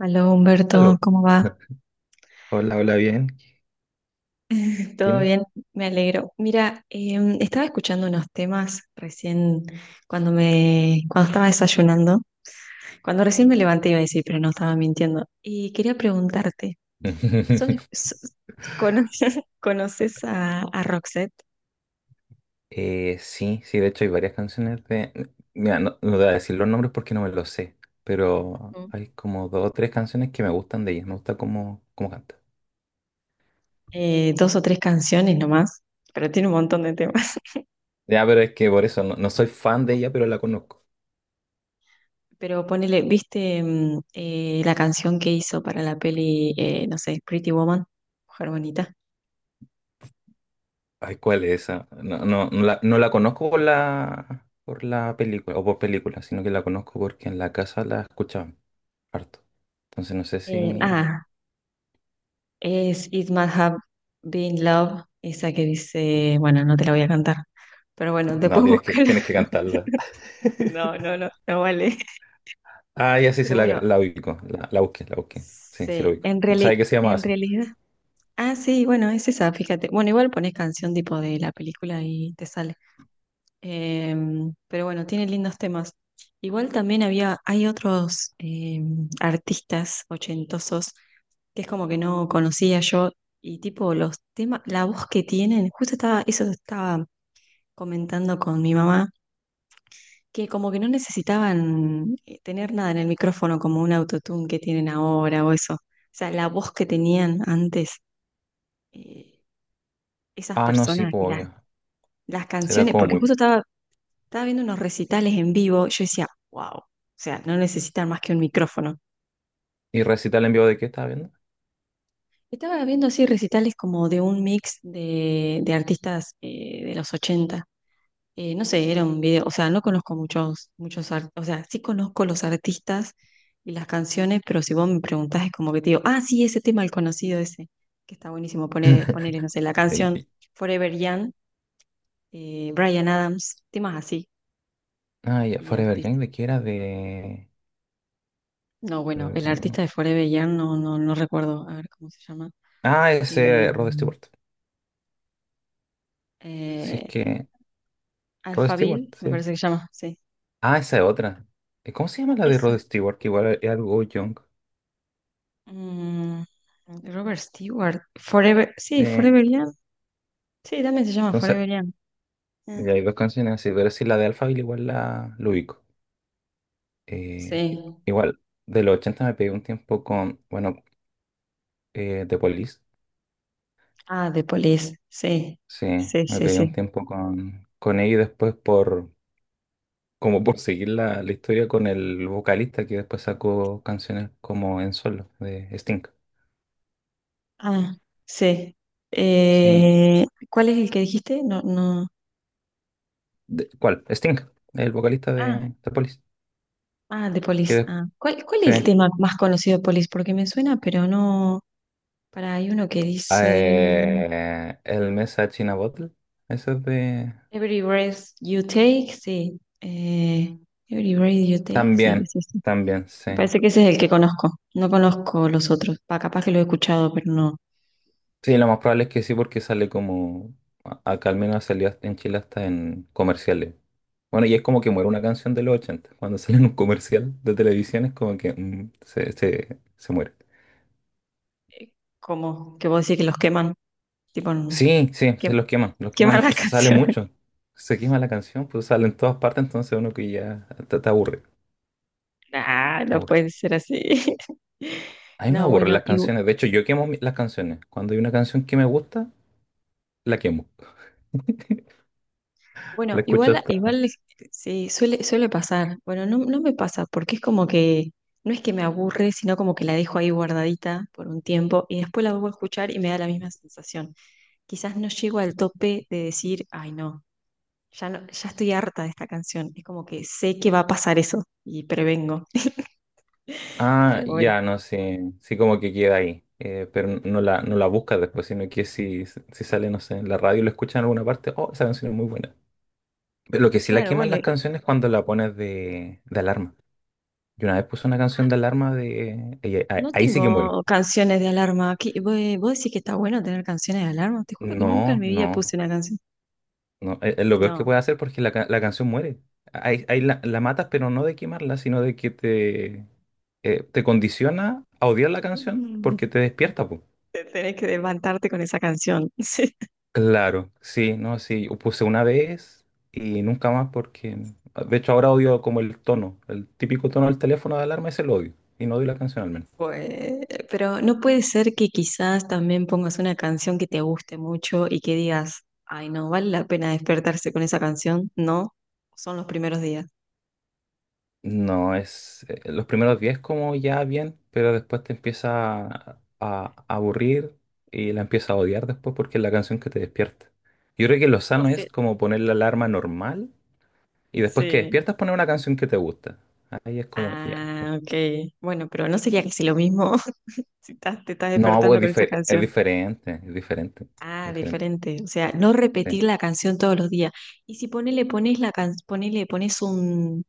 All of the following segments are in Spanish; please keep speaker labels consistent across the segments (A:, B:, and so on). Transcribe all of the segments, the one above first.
A: Aló Humberto,
B: Aló.
A: ¿cómo va?
B: No, Hola, hola, bien.
A: ¿Todo
B: Dime.
A: bien? Me alegro. Mira, estaba escuchando unos temas recién cuando estaba desayunando, cuando recién me levanté iba a decir, pero no estaba mintiendo. Y quería preguntarte, ¿sos de- sos- cono- ¿conoces a Roxette?
B: Sí, sí, de hecho hay varias canciones de... Mira, no voy a decir los nombres porque no me los sé, pero
A: ¿Mm?
B: hay como dos o tres canciones que me gustan de ella, me gusta cómo canta.
A: Dos o tres canciones nomás, pero tiene un montón de temas.
B: Ya, pero es que por eso no soy fan de ella, pero la conozco.
A: Pero ponele, ¿viste la canción que hizo para la peli, no sé, Pretty Woman, Mujer Bonita?
B: Ay, ¿cuál es esa? No, no, no la conozco por por la película, o por película, sino que la conozco porque en la casa la escuchaban harto. Entonces no sé
A: Eh,
B: si...
A: ah, Es It Must Have Been Love, esa que dice, bueno, no te la voy a cantar, pero bueno,
B: No,
A: después búscala.
B: tienes que cantarla.
A: No, no, no, no vale.
B: Ah, ya sí, sí,
A: Pero
B: la,
A: bueno,
B: la ubico. La busqué, la busqué. Sí, sí, la
A: sí,
B: ubico. ¿Sabes qué se llama
A: en
B: así?
A: realidad. Ah, sí, bueno, es esa, fíjate. Bueno, igual pones canción tipo de la película y te sale. Pero bueno, tiene lindos temas. Igual también hay otros artistas ochentosos que es como que no conocía yo y tipo los temas, la voz que tienen, eso estaba comentando con mi mamá que como que no necesitaban tener nada en el micrófono como un autotune que tienen ahora o eso. O sea, la voz que tenían antes eh, esas
B: Ah, no, sí,
A: personas,
B: pues obvio.
A: las
B: Será
A: canciones,
B: como
A: porque
B: muy.
A: estaba viendo unos recitales en vivo, yo decía, wow, o sea, no necesitan más que un micrófono.
B: ¿Y recital en vivo de qué estaba viendo?
A: Estaba viendo así recitales como de un mix de artistas de los ochenta, no sé, era un video, o sea, no conozco o sea, sí conozco los artistas y las canciones, pero si vos me preguntás es como que te digo, ah, sí, ese tema, el conocido ese, que está buenísimo, ponerle, no sé, la
B: Ay,
A: canción
B: ey.
A: Forever Young, Bryan Adams, temas así,
B: Ah, ya,
A: y
B: Forever
A: artista.
B: Young, ¿de qué era? De.
A: No, bueno,
B: eh,
A: el artista de Forever Young no recuerdo, a ver cómo se llama.
B: Ah,
A: Eh,
B: ese Rod Stewart. Si es
A: eh,
B: que. Rod Stewart,
A: Alphaville, me
B: sí.
A: parece que se llama, sí.
B: Ah, esa es otra. ¿Cómo se llama la de
A: Esa.
B: Rod Stewart? Que igual es algo young.
A: Mm, Robert Stewart, Forever, sí,
B: Eh,
A: Forever Young. Sí, también se llama
B: entonces,
A: Forever Young. Ah,
B: ya hay dos canciones así, pero sí, la de Alphaville igual lo ubico. Eh,
A: sí.
B: igual, de los 80 me pegué un tiempo con. Bueno, de Police,
A: Ah, The Police. Sí.
B: sí,
A: Sí,
B: me
A: sí,
B: pegué un
A: sí.
B: tiempo con ella y después por como por seguir la historia con el vocalista que después sacó canciones como en solo de Sting.
A: Ah, sí.
B: Sí.
A: ¿Cuál es el que dijiste? No, no.
B: De- ¿cuál? Sting, el vocalista
A: Ah,
B: de Police.
A: ah, The
B: Que
A: Police.
B: de-
A: Ah. ¿Cuál es el
B: sí.
A: tema más conocido de Police? Porque me suena, pero no. Para, hay uno que dice
B: El Message in a Bottle. Eso es de.
A: Every breath you take, sí. Every breath you take, sí,
B: También,
A: sí, sí.
B: también,
A: Me
B: sí.
A: parece que ese es el que conozco. No conozco los otros. Pa, capaz que lo he escuchado, pero no.
B: Sí, lo más probable es que sí, porque sale como. A- Acá al menos salía en Chile hasta en comerciales. Bueno, y es como que muere una canción de los 80 cuando sale en un comercial de televisión es como que se muere.
A: Como que vos decís que los queman, tipo,
B: Sí, sí, se
A: que-
B: los queman. Los queman
A: queman
B: es que
A: las
B: se sale
A: canciones.
B: mucho. Se quema la canción, pues sale en todas partes, entonces uno que ya te aburre.
A: Ah,
B: Te
A: no
B: aburre.
A: puede ser así.
B: A mí me
A: No,
B: aburren las canciones. De hecho, yo quemo mi- las canciones. Cuando hay una canción que me gusta, la quemo. La
A: bueno,
B: escucho
A: igual,
B: hasta
A: igual sí, suele, suele pasar. Bueno, no, no me pasa, porque es como que, no es que me aburre, sino como que la dejo ahí guardadita por un tiempo y después la vuelvo a escuchar y me da la misma sensación. Quizás no llego al tope de decir, ay no, ya no, ya estoy harta de esta canción. Es como que sé que va a pasar eso y prevengo.
B: Ah,
A: Pero bueno,
B: ya, no, sí, sí como que queda ahí, pero no la, no la buscas después, sino que si sale, no sé, en la radio y lo escuchan en alguna parte, oh, esa canción es muy buena. Pero lo que sí la
A: claro,
B: queman las
A: bueno.
B: canciones es cuando la pones de alarma. Yo una vez puse una canción de alarma de... y ahí, ahí-
A: No
B: ahí sí que muero.
A: tengo canciones de alarma. ¿Vos, vos decís que está bueno tener canciones de alarma? Te juro que nunca en
B: No,
A: mi vida
B: no,
A: puse una canción.
B: no, es lo peor que
A: No.
B: puede hacer porque la, ca- la canción muere. Ahí, ahí la matas, pero no de quemarla, sino de que te condiciona a odiar la canción
A: Mm.
B: porque te despierta, po.
A: Te tenés que levantarte con esa canción. Sí.
B: Claro, sí, no, sí, yo puse una vez y nunca más porque, de hecho ahora odio como el tono, el típico tono del teléfono de alarma es el odio y no odio la canción al menos.
A: Pues, pero no puede ser que quizás también pongas una canción que te guste mucho y que digas, ay, no, vale la pena despertarse con esa canción. No, son los primeros días.
B: No, es los primeros 10 como ya bien, pero después te empieza a aburrir y la empieza a odiar después porque es la canción que te despierta. Yo creo que lo
A: O
B: sano es
A: sea,
B: como poner la alarma normal y después que
A: sí.
B: despiertas poner una canción que te gusta. Ahí es como, ya.
A: Ah, ok. Bueno, pero no sería casi lo mismo si estás- te estás
B: No,
A: despertando
B: pues,
A: con esa
B: es
A: canción.
B: diferente, es diferente,
A: Ah,
B: es diferente.
A: diferente. O sea, no
B: Sí.
A: repetir la canción todos los días. Y si ponele, ponele, pones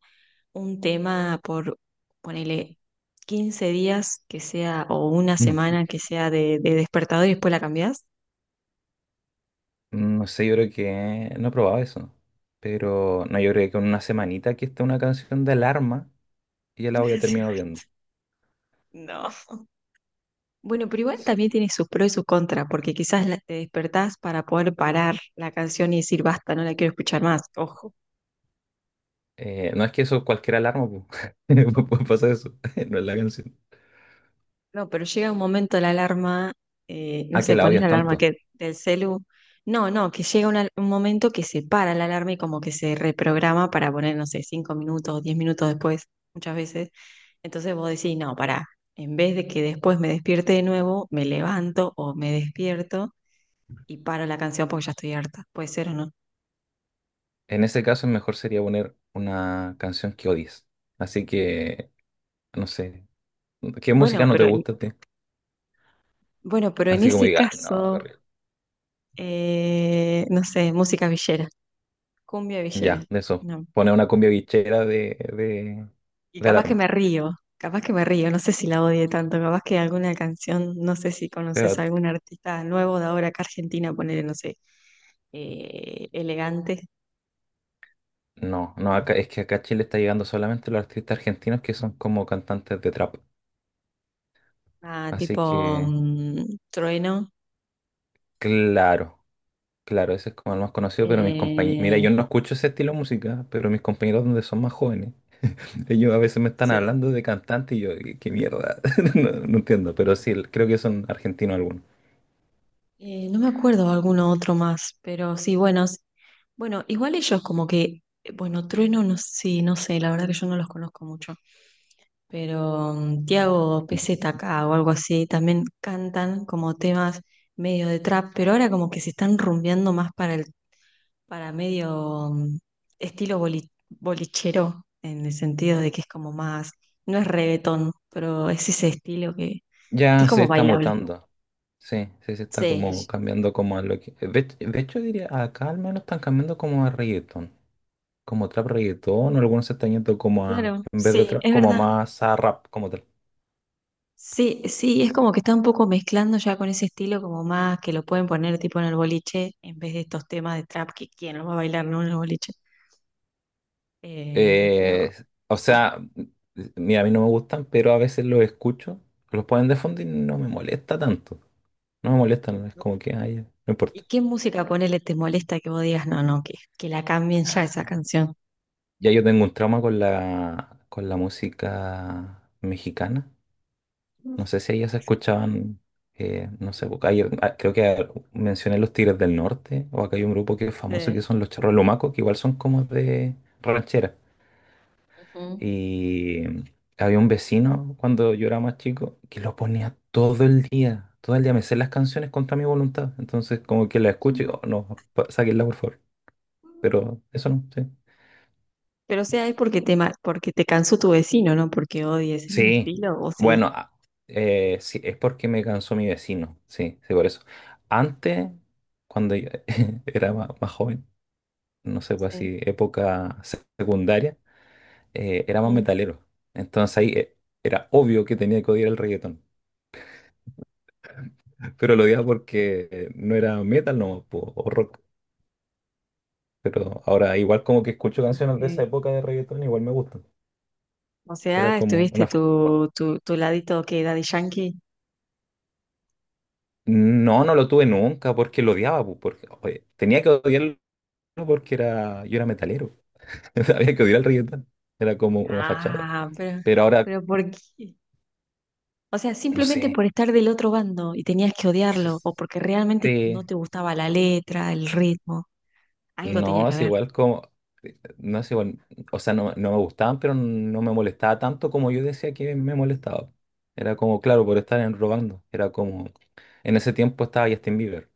A: un tema por, ponele, 15 días que sea, o una semana que sea de despertador y después la cambiás.
B: Mm. No sé, yo creo que no he probado eso. Pero no, yo creo que con una semanita que esté una canción de alarma, ya la
A: Una
B: voy a terminar
A: semana.
B: odiando.
A: No. Bueno, pero igual
B: Sí.
A: también tiene sus pros y sus contras, porque quizás te despertás para poder parar la canción y decir basta, no la quiero escuchar más. Ojo.
B: No es que eso cualquier alarma, pu. Puede pasar eso. No es la canción.
A: No, pero llega un momento la alarma, no
B: Ah, que
A: sé,
B: la
A: pones
B: odias
A: la alarma
B: tanto.
A: que del celu. No, no, que llega un momento que se para la alarma y como que se reprograma para poner, no sé, cinco minutos diez minutos después, muchas veces. Entonces vos decís, no, pará, en vez de que después me despierte de nuevo, me levanto o me despierto y paro la canción porque ya estoy harta. Puede ser o no.
B: En ese caso, mejor sería poner una canción que odies. Así que, no sé. ¿Qué música
A: Bueno,
B: no te
A: pero en,
B: gusta a ti?
A: bueno, pero en
B: Así como
A: ese
B: diga, no,
A: caso,
B: Gabriel".
A: no sé, música villera, cumbia villera.
B: Ya, de eso.
A: No.
B: Pone una cumbia guichera
A: Y
B: de
A: capaz que
B: alarma.
A: me río, capaz que me río, no sé si la odie tanto, capaz que alguna canción, no sé si conoces
B: Pero
A: a algún artista nuevo de ahora acá Argentina, ponele, no sé, elegante,
B: No, no, acá, es que acá a Chile está llegando solamente los artistas argentinos que son como cantantes de trap.
A: ah,
B: Así
A: tipo
B: que,
A: mm, Trueno,
B: claro, claro, ese es como el más conocido, pero mis compañeros, mira,
A: eh,
B: yo no escucho ese estilo de música, pero mis compañeros donde son más jóvenes, ellos a veces me están
A: se-
B: hablando de cantantes y yo, qué, qué mierda, no, no entiendo, pero sí, creo que son argentinos algunos.
A: no me acuerdo alguno otro más, pero sí, bueno, igual ellos como que, bueno, Trueno, no, sí, no sé, la verdad que yo no los conozco mucho. Pero mm, Tiago PZK o algo así, también cantan como temas medio de trap, pero ahora como que se están rumbeando más para el, para medio mm, bolichero, en el sentido de que es como más, no es reggaetón, pero es ese estilo que
B: Ya
A: es
B: se
A: como
B: está
A: bailable.
B: mutando, sí, sí, se está
A: Sí,
B: como cambiando como a lo que... de hecho diría, acá al menos están cambiando como a reggaeton. Como trap reggaetón, o algunos se están yendo como a,
A: claro,
B: en vez de
A: sí,
B: trap,
A: es
B: como
A: verdad.
B: más a rap como tal.
A: Sí, sí, es como que está un poco mezclando ya con ese estilo como más que lo pueden poner tipo en el boliche en vez de estos temas de trap que quién lo va a bailar, ¿no? En el boliche. Eh, pero
B: Eh, o
A: sí.
B: sea, mira, a mí no me gustan, pero a veces los escucho, los ponen de fondo y no me molesta tanto. No me molesta, no, es como que, ay, ya, no importa.
A: ¿Y qué música ponele te molesta que vos digas, no, no, que la cambien ya esa canción?
B: Ya yo tengo un trauma con con la música mexicana. No sé si ellas escuchaban, no sé, porque ayer, ah, creo que mencioné los Tigres del Norte, o acá hay un grupo que es famoso que
A: Sí.
B: son los Charros Lumacos, que igual son como de ranchera.
A: Ujú.
B: Y había un vecino cuando yo era más chico que lo ponía todo el día, todo el día. Me sé las canciones contra mi voluntad. Entonces, como que la escucho y digo, "Oh, no, pa- sáquenla por favor. Pero eso no, sí.
A: Pero o sea, es porque porque te cansó tu vecino, ¿no? Porque odies el
B: Sí,
A: estilo, o sí.
B: bueno, a- sí, es porque me cansó mi vecino. Sí, sí, por eso. Antes, cuando yo era ma- más, joven, no sé, pues
A: Sí.
B: así, época se- secundaria, era más
A: Ujú.
B: metalero. Entonces ahí era obvio que tenía que odiar el reggaetón. Pero lo odiaba porque no era metal no, o rock. Pero ahora igual como que escucho
A: Ok.
B: canciones de esa época de reggaetón, igual me gustan.
A: O
B: Era
A: sea,
B: como una...
A: estuviste
B: fa-
A: tu, tu, tu ladito que Daddy Yankee.
B: No, no lo tuve nunca porque lo odiaba, po, porque oye, tenía que odiarlo porque era, yo era metalero. Había que odiar el reggaetón. Era como una fachada.
A: Ah,
B: Pero ahora,
A: pero ¿por qué? O sea,
B: no
A: simplemente
B: sé.
A: por estar del otro bando y tenías que
B: Sí,
A: odiarlo, o porque realmente no
B: sí.
A: te gustaba la letra, el ritmo. Algo tenía
B: No,
A: que
B: es
A: haber.
B: igual como, no es igual, o sea, no, no me gustaban, pero no me molestaba tanto como yo decía que me molestaba. Era como, claro, por estar en- robando. Era como, en ese tiempo estaba Justin Bieber.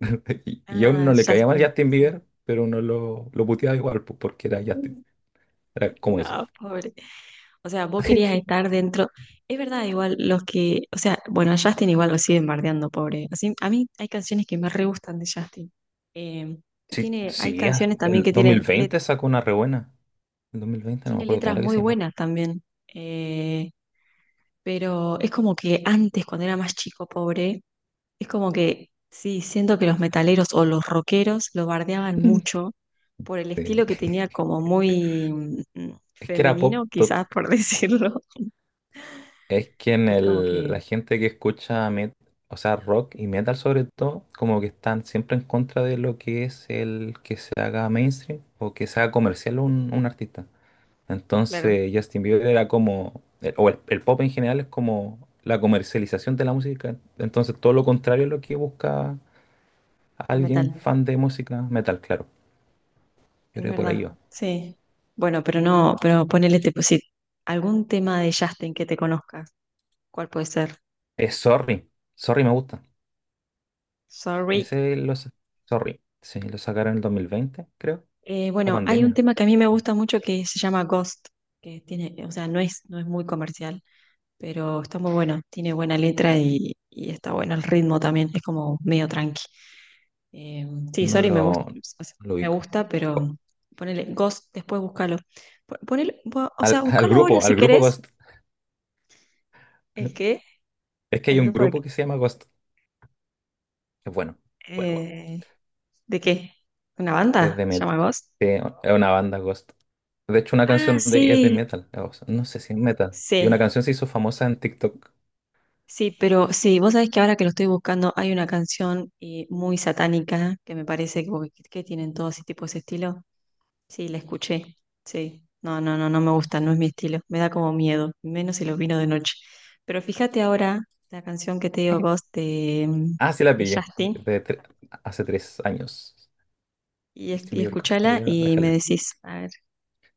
B: Y a uno
A: Ah,
B: no le caía mal
A: Justin
B: Justin
A: está.
B: Bieber, pero uno lo puteaba igual, pues, porque era Justin. Era como eso.
A: No, pobre. O sea, vos querías estar dentro. Es verdad, igual los que. O sea, bueno, a Justin igual lo siguen bardeando, pobre. Así, a mí hay canciones que me re gustan de Justin. Eh, y
B: Sí,
A: tiene, hay
B: sí, as-
A: canciones también
B: el
A: que tiene,
B: 2020 sacó una re buena. El 2020 no me
A: tiene
B: acuerdo cómo
A: letras
B: era que
A: muy
B: se llamaba.
A: buenas también. Eh, pero es como que antes, cuando era más chico, pobre, es como que sí, siento que los metaleros o los rockeros lo bardeaban mucho por el
B: Sí.
A: estilo que tenía como muy mm,
B: Es que era pop,
A: femenino, quizás por decirlo.
B: es que en
A: Es como
B: el,
A: que,
B: la gente que escucha met- o sea, rock y metal sobre todo, como que están siempre en contra de lo que es el que se haga mainstream o que se haga comercial un artista.
A: claro,
B: Entonces Justin Bieber era como, el- o el, el pop en general es como la comercialización de la música. Entonces todo lo contrario es lo que busca
A: el
B: alguien
A: metal,
B: fan de música metal, claro. Yo
A: es
B: creo que por ahí
A: verdad,
B: va.
A: sí. Bueno, pero no, pero ponele tipo, sí, algún tema de Justin que te conozcas, ¿cuál puede ser?
B: Es Sorry, Sorry me gusta.
A: Sorry.
B: Ese lo, sa- Sorry, sí, lo sacaron en el 2020, creo, para
A: Bueno, hay un
B: pandemia.
A: tema que a mí me gusta mucho que se llama Ghost, que tiene, o sea, no es, no es muy comercial, pero está muy bueno, tiene buena letra y está bueno el ritmo también, es como medio tranqui. Eh, sí, Sorry me gusta,
B: No
A: o sea,
B: lo
A: me
B: ubico.
A: gusta,
B: O-
A: pero ponele Ghost, después búscalo. Ponele, o
B: Al,
A: sea, búscalo ahora si
B: al grupo
A: querés.
B: Ghost.
A: ¿El qué?
B: Es que hay
A: ¿El
B: un
A: grupo de
B: grupo
A: qué?
B: que se llama Ghost. Es bueno. Bueno, bueno.
A: Eh, ¿De qué? ¿Una
B: Es
A: banda?
B: de
A: ¿Se
B: metal.
A: llama Ghost?
B: Es una banda Ghost. De hecho, una
A: Ah,
B: canción de es de
A: sí,
B: metal. O sea, no sé si es metal. Y una
A: sí,
B: canción se hizo famosa en TikTok.
A: sí, pero sí, vos sabés que ahora que lo estoy buscando hay una canción muy satánica que me parece que tienen todos ese tipo, ese estilo. Sí, la escuché. Sí. No, no, no, no me gusta, no es mi estilo. Me da como miedo, menos si los vino de noche. Pero fíjate ahora la canción que te digo, Ghost,
B: Ah, sí la
A: de
B: pillé.
A: Justin,
B: De tre- hace tres años. Justin
A: y
B: Bieber Ghost. Voy
A: escuchala
B: a
A: y me
B: dejarla ahí.
A: decís, a ver,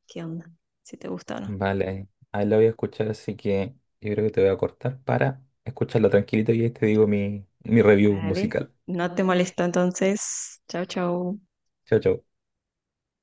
A: qué onda, si te gusta o no.
B: Vale, ahí ahí la voy a escuchar, así que yo creo que te voy a cortar para escucharla tranquilito y ahí te digo mi review
A: Vale.
B: musical.
A: No te molesto entonces. Chau, chau.
B: Chao, chao.